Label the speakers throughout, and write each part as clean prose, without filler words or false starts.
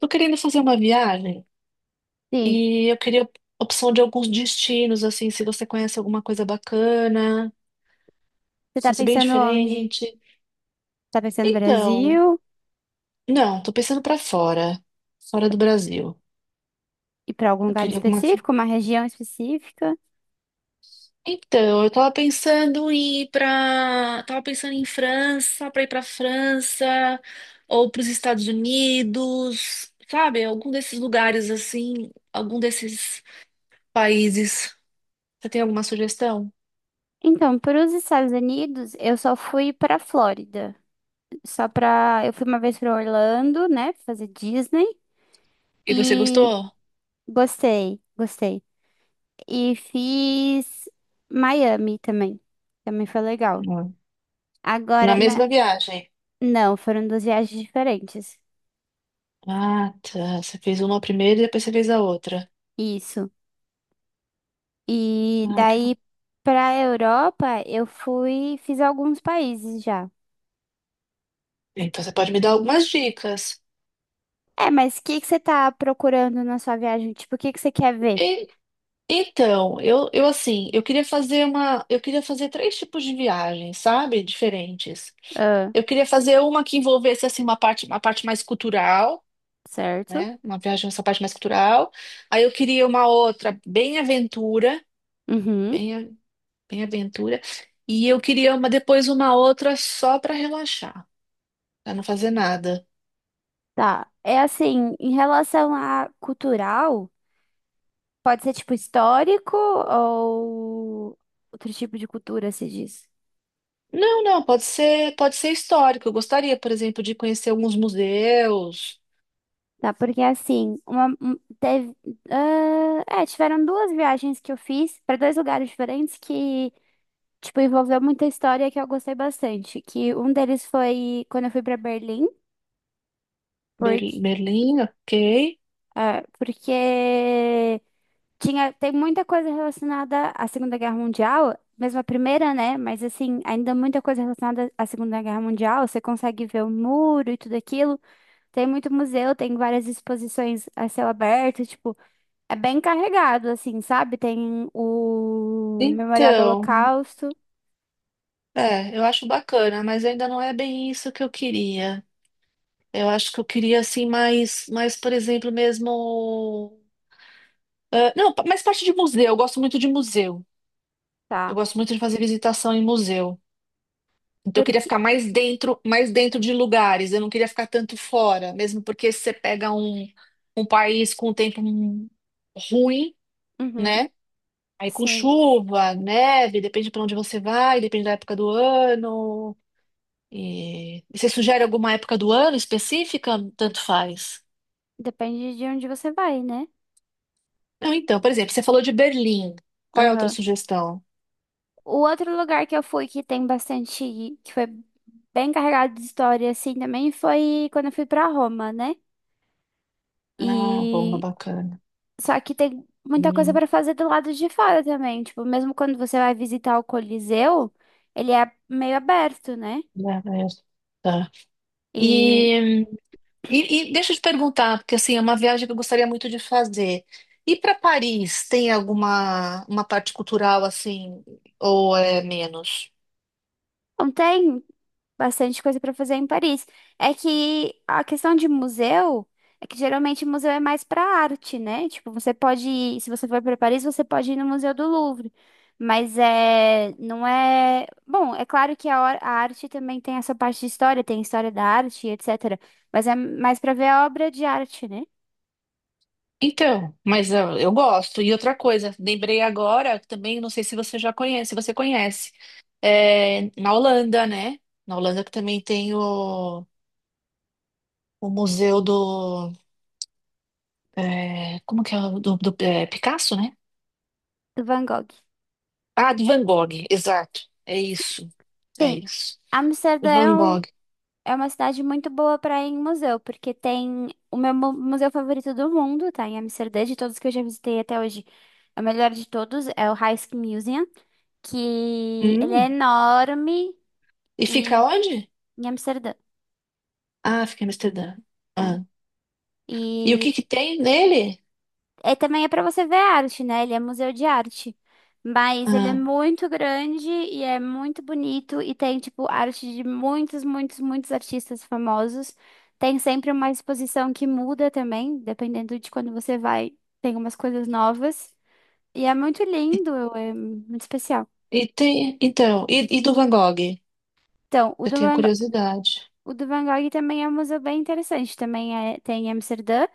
Speaker 1: Tô querendo fazer uma viagem
Speaker 2: Sim.
Speaker 1: e eu queria opção de alguns destinos, assim, se você conhece alguma coisa bacana,
Speaker 2: Você
Speaker 1: se
Speaker 2: tá
Speaker 1: fosse bem
Speaker 2: pensando onde?
Speaker 1: diferente.
Speaker 2: Tá pensando no
Speaker 1: Então,
Speaker 2: Brasil?
Speaker 1: não, tô pensando pra fora, fora do Brasil.
Speaker 2: E para algum
Speaker 1: Eu
Speaker 2: lugar
Speaker 1: queria alguma.
Speaker 2: específico, uma região específica?
Speaker 1: Então, eu tava pensando em ir pra. Tava pensando em França, pra ir pra França ou pros Estados Unidos, sabe? Algum desses lugares assim, algum desses países. Você tem alguma sugestão?
Speaker 2: Então, para os Estados Unidos, eu só fui para Flórida. Só para, eu fui uma vez para Orlando, né, fazer Disney
Speaker 1: E você
Speaker 2: e
Speaker 1: gostou?
Speaker 2: gostei, gostei. E fiz Miami também. Também foi legal.
Speaker 1: Na
Speaker 2: Agora, na...
Speaker 1: mesma viagem.
Speaker 2: não, foram duas viagens diferentes.
Speaker 1: Ah, tá. Você fez uma primeiro e depois você fez a outra.
Speaker 2: Isso. E
Speaker 1: Ah, que bom.
Speaker 2: daí pra Europa eu fui, fiz alguns países já.
Speaker 1: Então você pode me dar algumas dicas.
Speaker 2: É, mas o que que você tá procurando na sua viagem? Tipo, o que que você quer ver?
Speaker 1: E- então, eu assim, eu queria fazer uma, eu queria fazer três tipos de viagens, sabe? Diferentes.
Speaker 2: Ah,
Speaker 1: Eu queria fazer uma que envolvesse assim uma parte mais cultural,
Speaker 2: certo.
Speaker 1: né? Uma viagem nessa parte mais cultural. Aí eu queria uma outra bem aventura,
Speaker 2: Uhum.
Speaker 1: bem, bem aventura. E eu queria uma depois uma outra só para relaxar, para não fazer nada.
Speaker 2: Tá. É assim, em relação a cultural, pode ser tipo histórico ou outro tipo de cultura, se diz.
Speaker 1: Não, não, pode ser histórico. Eu gostaria, por exemplo, de conhecer alguns museus.
Speaker 2: Tá, porque assim, uma, um- teve, tiveram duas viagens que eu fiz para dois lugares diferentes que tipo, envolveu muita história que eu gostei bastante. Que um deles foi quando eu fui pra Berlim, porque,
Speaker 1: Berlim, ok.
Speaker 2: porque tinha, tem muita coisa relacionada à Segunda Guerra Mundial, mesmo a primeira, né? Mas assim, ainda muita coisa relacionada à Segunda Guerra Mundial. Você consegue ver o muro e tudo aquilo. Tem muito museu, tem várias exposições a céu aberto, tipo, é bem carregado, assim, sabe? Tem o Memorial do
Speaker 1: Então,
Speaker 2: Holocausto,
Speaker 1: é, eu acho bacana, mas ainda não é bem isso que eu queria. Eu acho que eu queria, assim, mais, mais, por exemplo, mesmo. Ah, não, mais parte de museu. Eu gosto muito de museu. Eu
Speaker 2: tá?
Speaker 1: gosto muito de fazer visitação em museu. Então, eu queria
Speaker 2: Porque.
Speaker 1: ficar mais dentro de lugares. Eu não queria ficar tanto fora, mesmo porque se você pega um, um país com um tempo ruim,
Speaker 2: Uhum,
Speaker 1: né? Aí com
Speaker 2: sim.
Speaker 1: chuva, neve, depende para onde você vai, depende da época do ano. E você sugere alguma época do ano específica? Tanto faz.
Speaker 2: Depende de onde você vai, né?
Speaker 1: Não, então, por exemplo, você falou de Berlim. Qual é a outra
Speaker 2: Aham.
Speaker 1: sugestão?
Speaker 2: O outro lugar que eu fui que tem bastante, que foi bem carregado de história assim também foi quando eu fui pra Roma, né?
Speaker 1: Ah, Roma,
Speaker 2: E
Speaker 1: bacana.
Speaker 2: só que tem muita coisa
Speaker 1: Hum,
Speaker 2: pra fazer do lado de fora também, tipo, mesmo quando você vai visitar o Coliseu, ele é meio aberto, né?
Speaker 1: né, né, tá.
Speaker 2: E
Speaker 1: E e, e deixa eu te perguntar, porque assim, é uma viagem que eu gostaria muito de fazer. E para Paris, tem alguma uma parte cultural assim, ou é menos?
Speaker 2: não, tem bastante coisa para fazer em Paris. É que a questão de museu é que geralmente museu é mais para arte, né? Tipo, você pode ir, se você for para Paris, você pode ir no Museu do Louvre. Mas é, não é. Bom, é claro que a, hor- a arte também tem essa parte de história, tem história da arte, etc. Mas é mais para ver a obra de arte, né?
Speaker 1: Então, mas eu gosto. E outra coisa, lembrei agora, também não sei se você já conhece, se você conhece, é, na Holanda, né? Na Holanda que também tem o museu do, é, como que é, do, do é, Picasso, né?
Speaker 2: Do Van Gogh.
Speaker 1: Ah, de Van Gogh, exato. É isso, é
Speaker 2: Tem.
Speaker 1: isso. Van
Speaker 2: Amsterdã
Speaker 1: Gogh.
Speaker 2: é uma cidade muito boa para ir em museu, porque tem o meu mu- museu favorito do mundo, tá? Em Amsterdã, de todos que eu já visitei até hoje. É o melhor de todos, é o Rijksmuseum, que ele é
Speaker 1: Hum.
Speaker 2: enorme
Speaker 1: E fica
Speaker 2: e
Speaker 1: onde?
Speaker 2: em Amsterdã.
Speaker 1: Ah, fica em Amsterdã. Ah. E o
Speaker 2: É.
Speaker 1: que que tem nele?
Speaker 2: É, também é para você ver arte, né? Ele é museu de arte. Mas ele é
Speaker 1: Ah.
Speaker 2: muito grande e é muito bonito e tem, tipo, arte de muitos, muitos, muitos artistas famosos. Tem sempre uma exposição que muda também, dependendo de quando você vai, tem umas coisas novas. E é muito
Speaker 1: E,
Speaker 2: lindo, é muito especial.
Speaker 1: e tem, então, e do Van Gogh?
Speaker 2: Então, o
Speaker 1: Eu
Speaker 2: do
Speaker 1: tenho
Speaker 2: Van, Go-
Speaker 1: curiosidade.
Speaker 2: o do Van Gogh também é um museu bem interessante. Também é, tem em Amsterdã.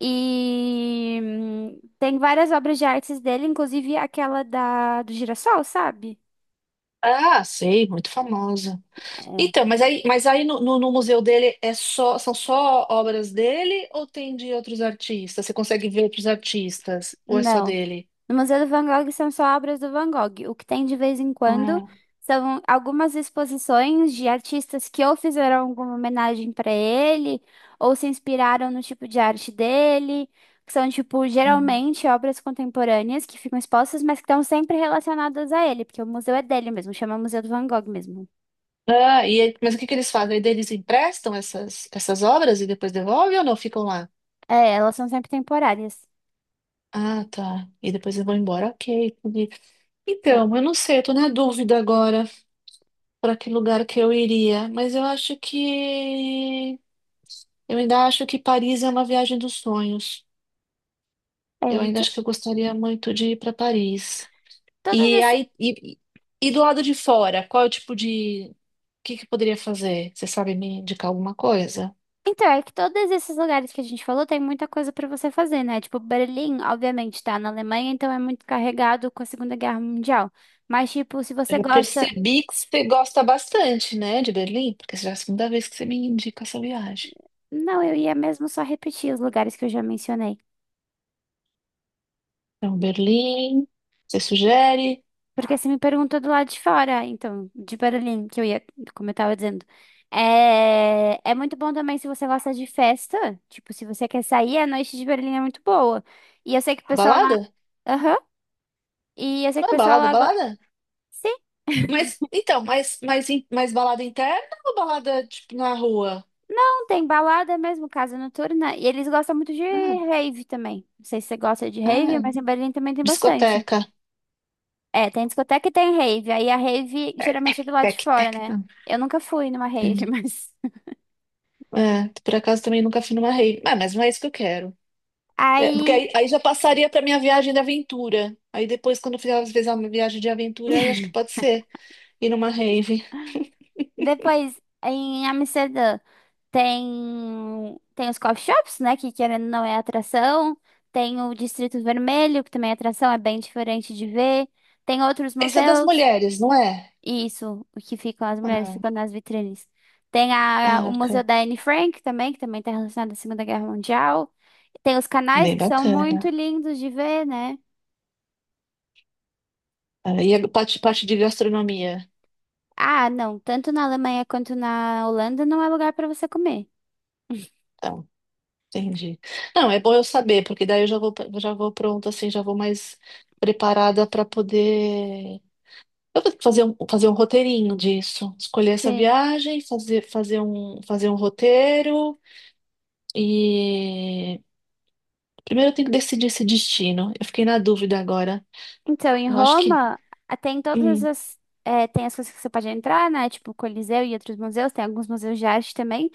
Speaker 2: E tem várias obras de artes dele, inclusive aquela da, do girassol, sabe?
Speaker 1: Ah, sei, muito famosa.
Speaker 2: É.
Speaker 1: Então, mas aí no museu dele é só, são só obras dele ou tem de outros artistas? Você consegue ver outros artistas? Ou é só
Speaker 2: Não.
Speaker 1: dele?
Speaker 2: No Museu do Van Gogh são só obras do Van Gogh. O que tem de vez em quando
Speaker 1: Ah,
Speaker 2: são algumas exposições de artistas que ou fizeram alguma homenagem para ele, ou se inspiraram no tipo de arte dele, que são, tipo,
Speaker 1: hum.
Speaker 2: geralmente obras contemporâneas que ficam expostas, mas que estão sempre relacionadas a ele, porque o museu é dele mesmo, chama Museu do Van Gogh mesmo.
Speaker 1: Ah, e, aí, mas o que que eles fazem? Aí eles emprestam essas, essas obras e depois devolvem ou não ficam lá?
Speaker 2: É, elas são sempre temporárias.
Speaker 1: Ah, tá. E depois eu vou embora. Ok. Entendi. Então, eu não sei, eu tô na dúvida agora para que lugar que eu iria, mas eu acho que eu ainda acho que Paris é uma viagem dos sonhos.
Speaker 2: É,
Speaker 1: Eu ainda
Speaker 2: então,
Speaker 1: acho que eu gostaria muito de ir para Paris.
Speaker 2: todas
Speaker 1: E
Speaker 2: ess-
Speaker 1: aí e do lado de fora, qual é o tipo de o que que eu poderia fazer? Você sabe me indicar alguma coisa?
Speaker 2: então, é que todos esses lugares que a gente falou tem muita coisa pra você fazer, né? Tipo, Berlim, obviamente, tá na Alemanha, então é muito carregado com a Segunda Guerra Mundial. Mas, tipo, se
Speaker 1: Eu
Speaker 2: você
Speaker 1: já
Speaker 2: gosta.
Speaker 1: percebi que você gosta bastante, né, de Berlim, porque já é a segunda vez que você me indica essa viagem.
Speaker 2: Não, eu ia mesmo só repetir os lugares que eu já mencionei.
Speaker 1: Então, Berlim, você sugere?
Speaker 2: Porque você me perguntou do lado de fora, então, de Berlim, que eu ia, como eu tava dizendo. É, é muito bom também se você gosta de festa. Tipo, se você quer sair, a noite de Berlim é muito boa. E eu sei que o pessoal lá.
Speaker 1: Balada?
Speaker 2: Aham. E eu sei que o
Speaker 1: Não é
Speaker 2: pessoal
Speaker 1: balada,
Speaker 2: lá. Go-
Speaker 1: balada?
Speaker 2: sim.
Speaker 1: Mas, então, mas, mas balada interna ou balada, tipo, na rua?
Speaker 2: Tem balada mesmo, casa noturna. E eles gostam muito de
Speaker 1: Ah,
Speaker 2: rave também. Não sei se você gosta de
Speaker 1: ah,
Speaker 2: rave, mas em Berlim também tem bastante.
Speaker 1: discoteca.
Speaker 2: É, tem discoteca e tem rave. Aí a rave
Speaker 1: É, tec,
Speaker 2: geralmente é do lado de
Speaker 1: tec,
Speaker 2: fora,
Speaker 1: tec.
Speaker 2: né?
Speaker 1: Não,
Speaker 2: Eu nunca fui numa rave,
Speaker 1: entendi.
Speaker 2: mas.
Speaker 1: É, por acaso também nunca fui numa rave. Ah, mas não é isso que eu quero. É, porque
Speaker 2: Aí
Speaker 1: aí, aí já passaria pra minha viagem de aventura. Aí depois, quando eu fizer, às vezes, uma viagem de aventura, aí acho que pode ser ir numa rave.
Speaker 2: depois em Amsterdã tem os coffee shops, né? Que querendo ou não é atração. Tem o Distrito Vermelho, que também é atração, é bem diferente de ver. Tem outros
Speaker 1: Essa é das
Speaker 2: museus.
Speaker 1: mulheres, não é?
Speaker 2: Isso, o que ficam, as mulheres
Speaker 1: Ah,
Speaker 2: ficam nas vitrines. Tem a, o
Speaker 1: ah,
Speaker 2: Museu
Speaker 1: ok.
Speaker 2: da Anne Frank também, que também está relacionado à Segunda Guerra Mundial. Tem os canais
Speaker 1: Bem
Speaker 2: que são muito
Speaker 1: bacana.
Speaker 2: lindos de ver, né?
Speaker 1: Ah, e a parte, parte de gastronomia.
Speaker 2: Ah, não, tanto na Alemanha quanto na Holanda não é lugar para você comer.
Speaker 1: Então, entendi. Não, é bom eu saber, porque daí eu já vou pronta, assim, já vou mais preparada para poder. Eu vou fazer um roteirinho disso. Escolher essa
Speaker 2: Sim.
Speaker 1: viagem, fazer, fazer um roteiro e. Primeiro eu tenho que decidir esse destino. Eu fiquei na dúvida agora.
Speaker 2: Então, em
Speaker 1: Eu acho que.
Speaker 2: Roma, ah, tem todas
Speaker 1: hum,
Speaker 2: essas. Tem as coisas que você pode entrar, né? Tipo o Coliseu e outros museus. Tem alguns museus de arte também.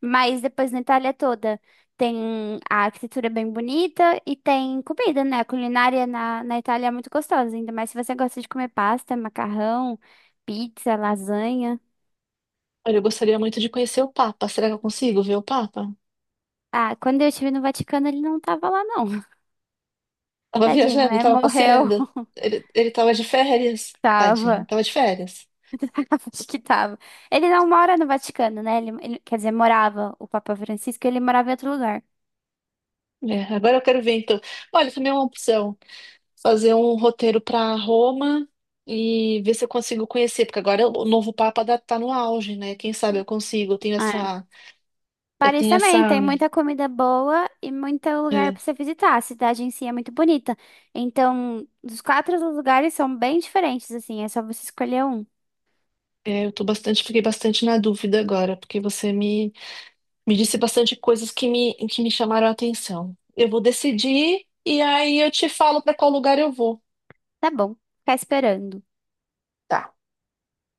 Speaker 2: Mas depois na Itália toda tem a arquitetura bem bonita e tem comida, né? A culinária na, na Itália é muito gostosa, ainda mais se você gosta de comer pasta, macarrão, pizza, lasanha.
Speaker 1: olha, eu gostaria muito de conhecer o Papa. Será que eu consigo ver o Papa?
Speaker 2: Ah, quando eu estive no Vaticano, ele não tava lá, não.
Speaker 1: Tava
Speaker 2: Tadinho,
Speaker 1: viajando,
Speaker 2: né?
Speaker 1: tava
Speaker 2: Morreu.
Speaker 1: passeando. Ele tava de férias, tadinho,
Speaker 2: Tava.
Speaker 1: tava de férias.
Speaker 2: Acho que tava. Ele não mora no Vaticano, né? Ele- quer dizer, morava o Papa Francisco, ele morava em outro lugar.
Speaker 1: É, agora eu quero ver então. Olha, também é uma opção. Fazer um roteiro para Roma e ver se eu consigo conhecer, porque agora o novo Papa tá no auge, né? Quem sabe eu consigo.
Speaker 2: Ah,
Speaker 1: Eu
Speaker 2: Paris
Speaker 1: tenho essa,
Speaker 2: também tem muita comida boa e muito lugar
Speaker 1: é,
Speaker 2: pra você visitar. A cidade em si é muito bonita. Então, os quatro lugares são bem diferentes, assim. É só você escolher um.
Speaker 1: é, eu tô bastante, fiquei bastante na dúvida agora, porque você me, me disse bastante coisas que me chamaram a atenção. Eu vou decidir e aí eu te falo para qual lugar eu vou.
Speaker 2: Tá bom, ficar esperando.
Speaker 1: Tá.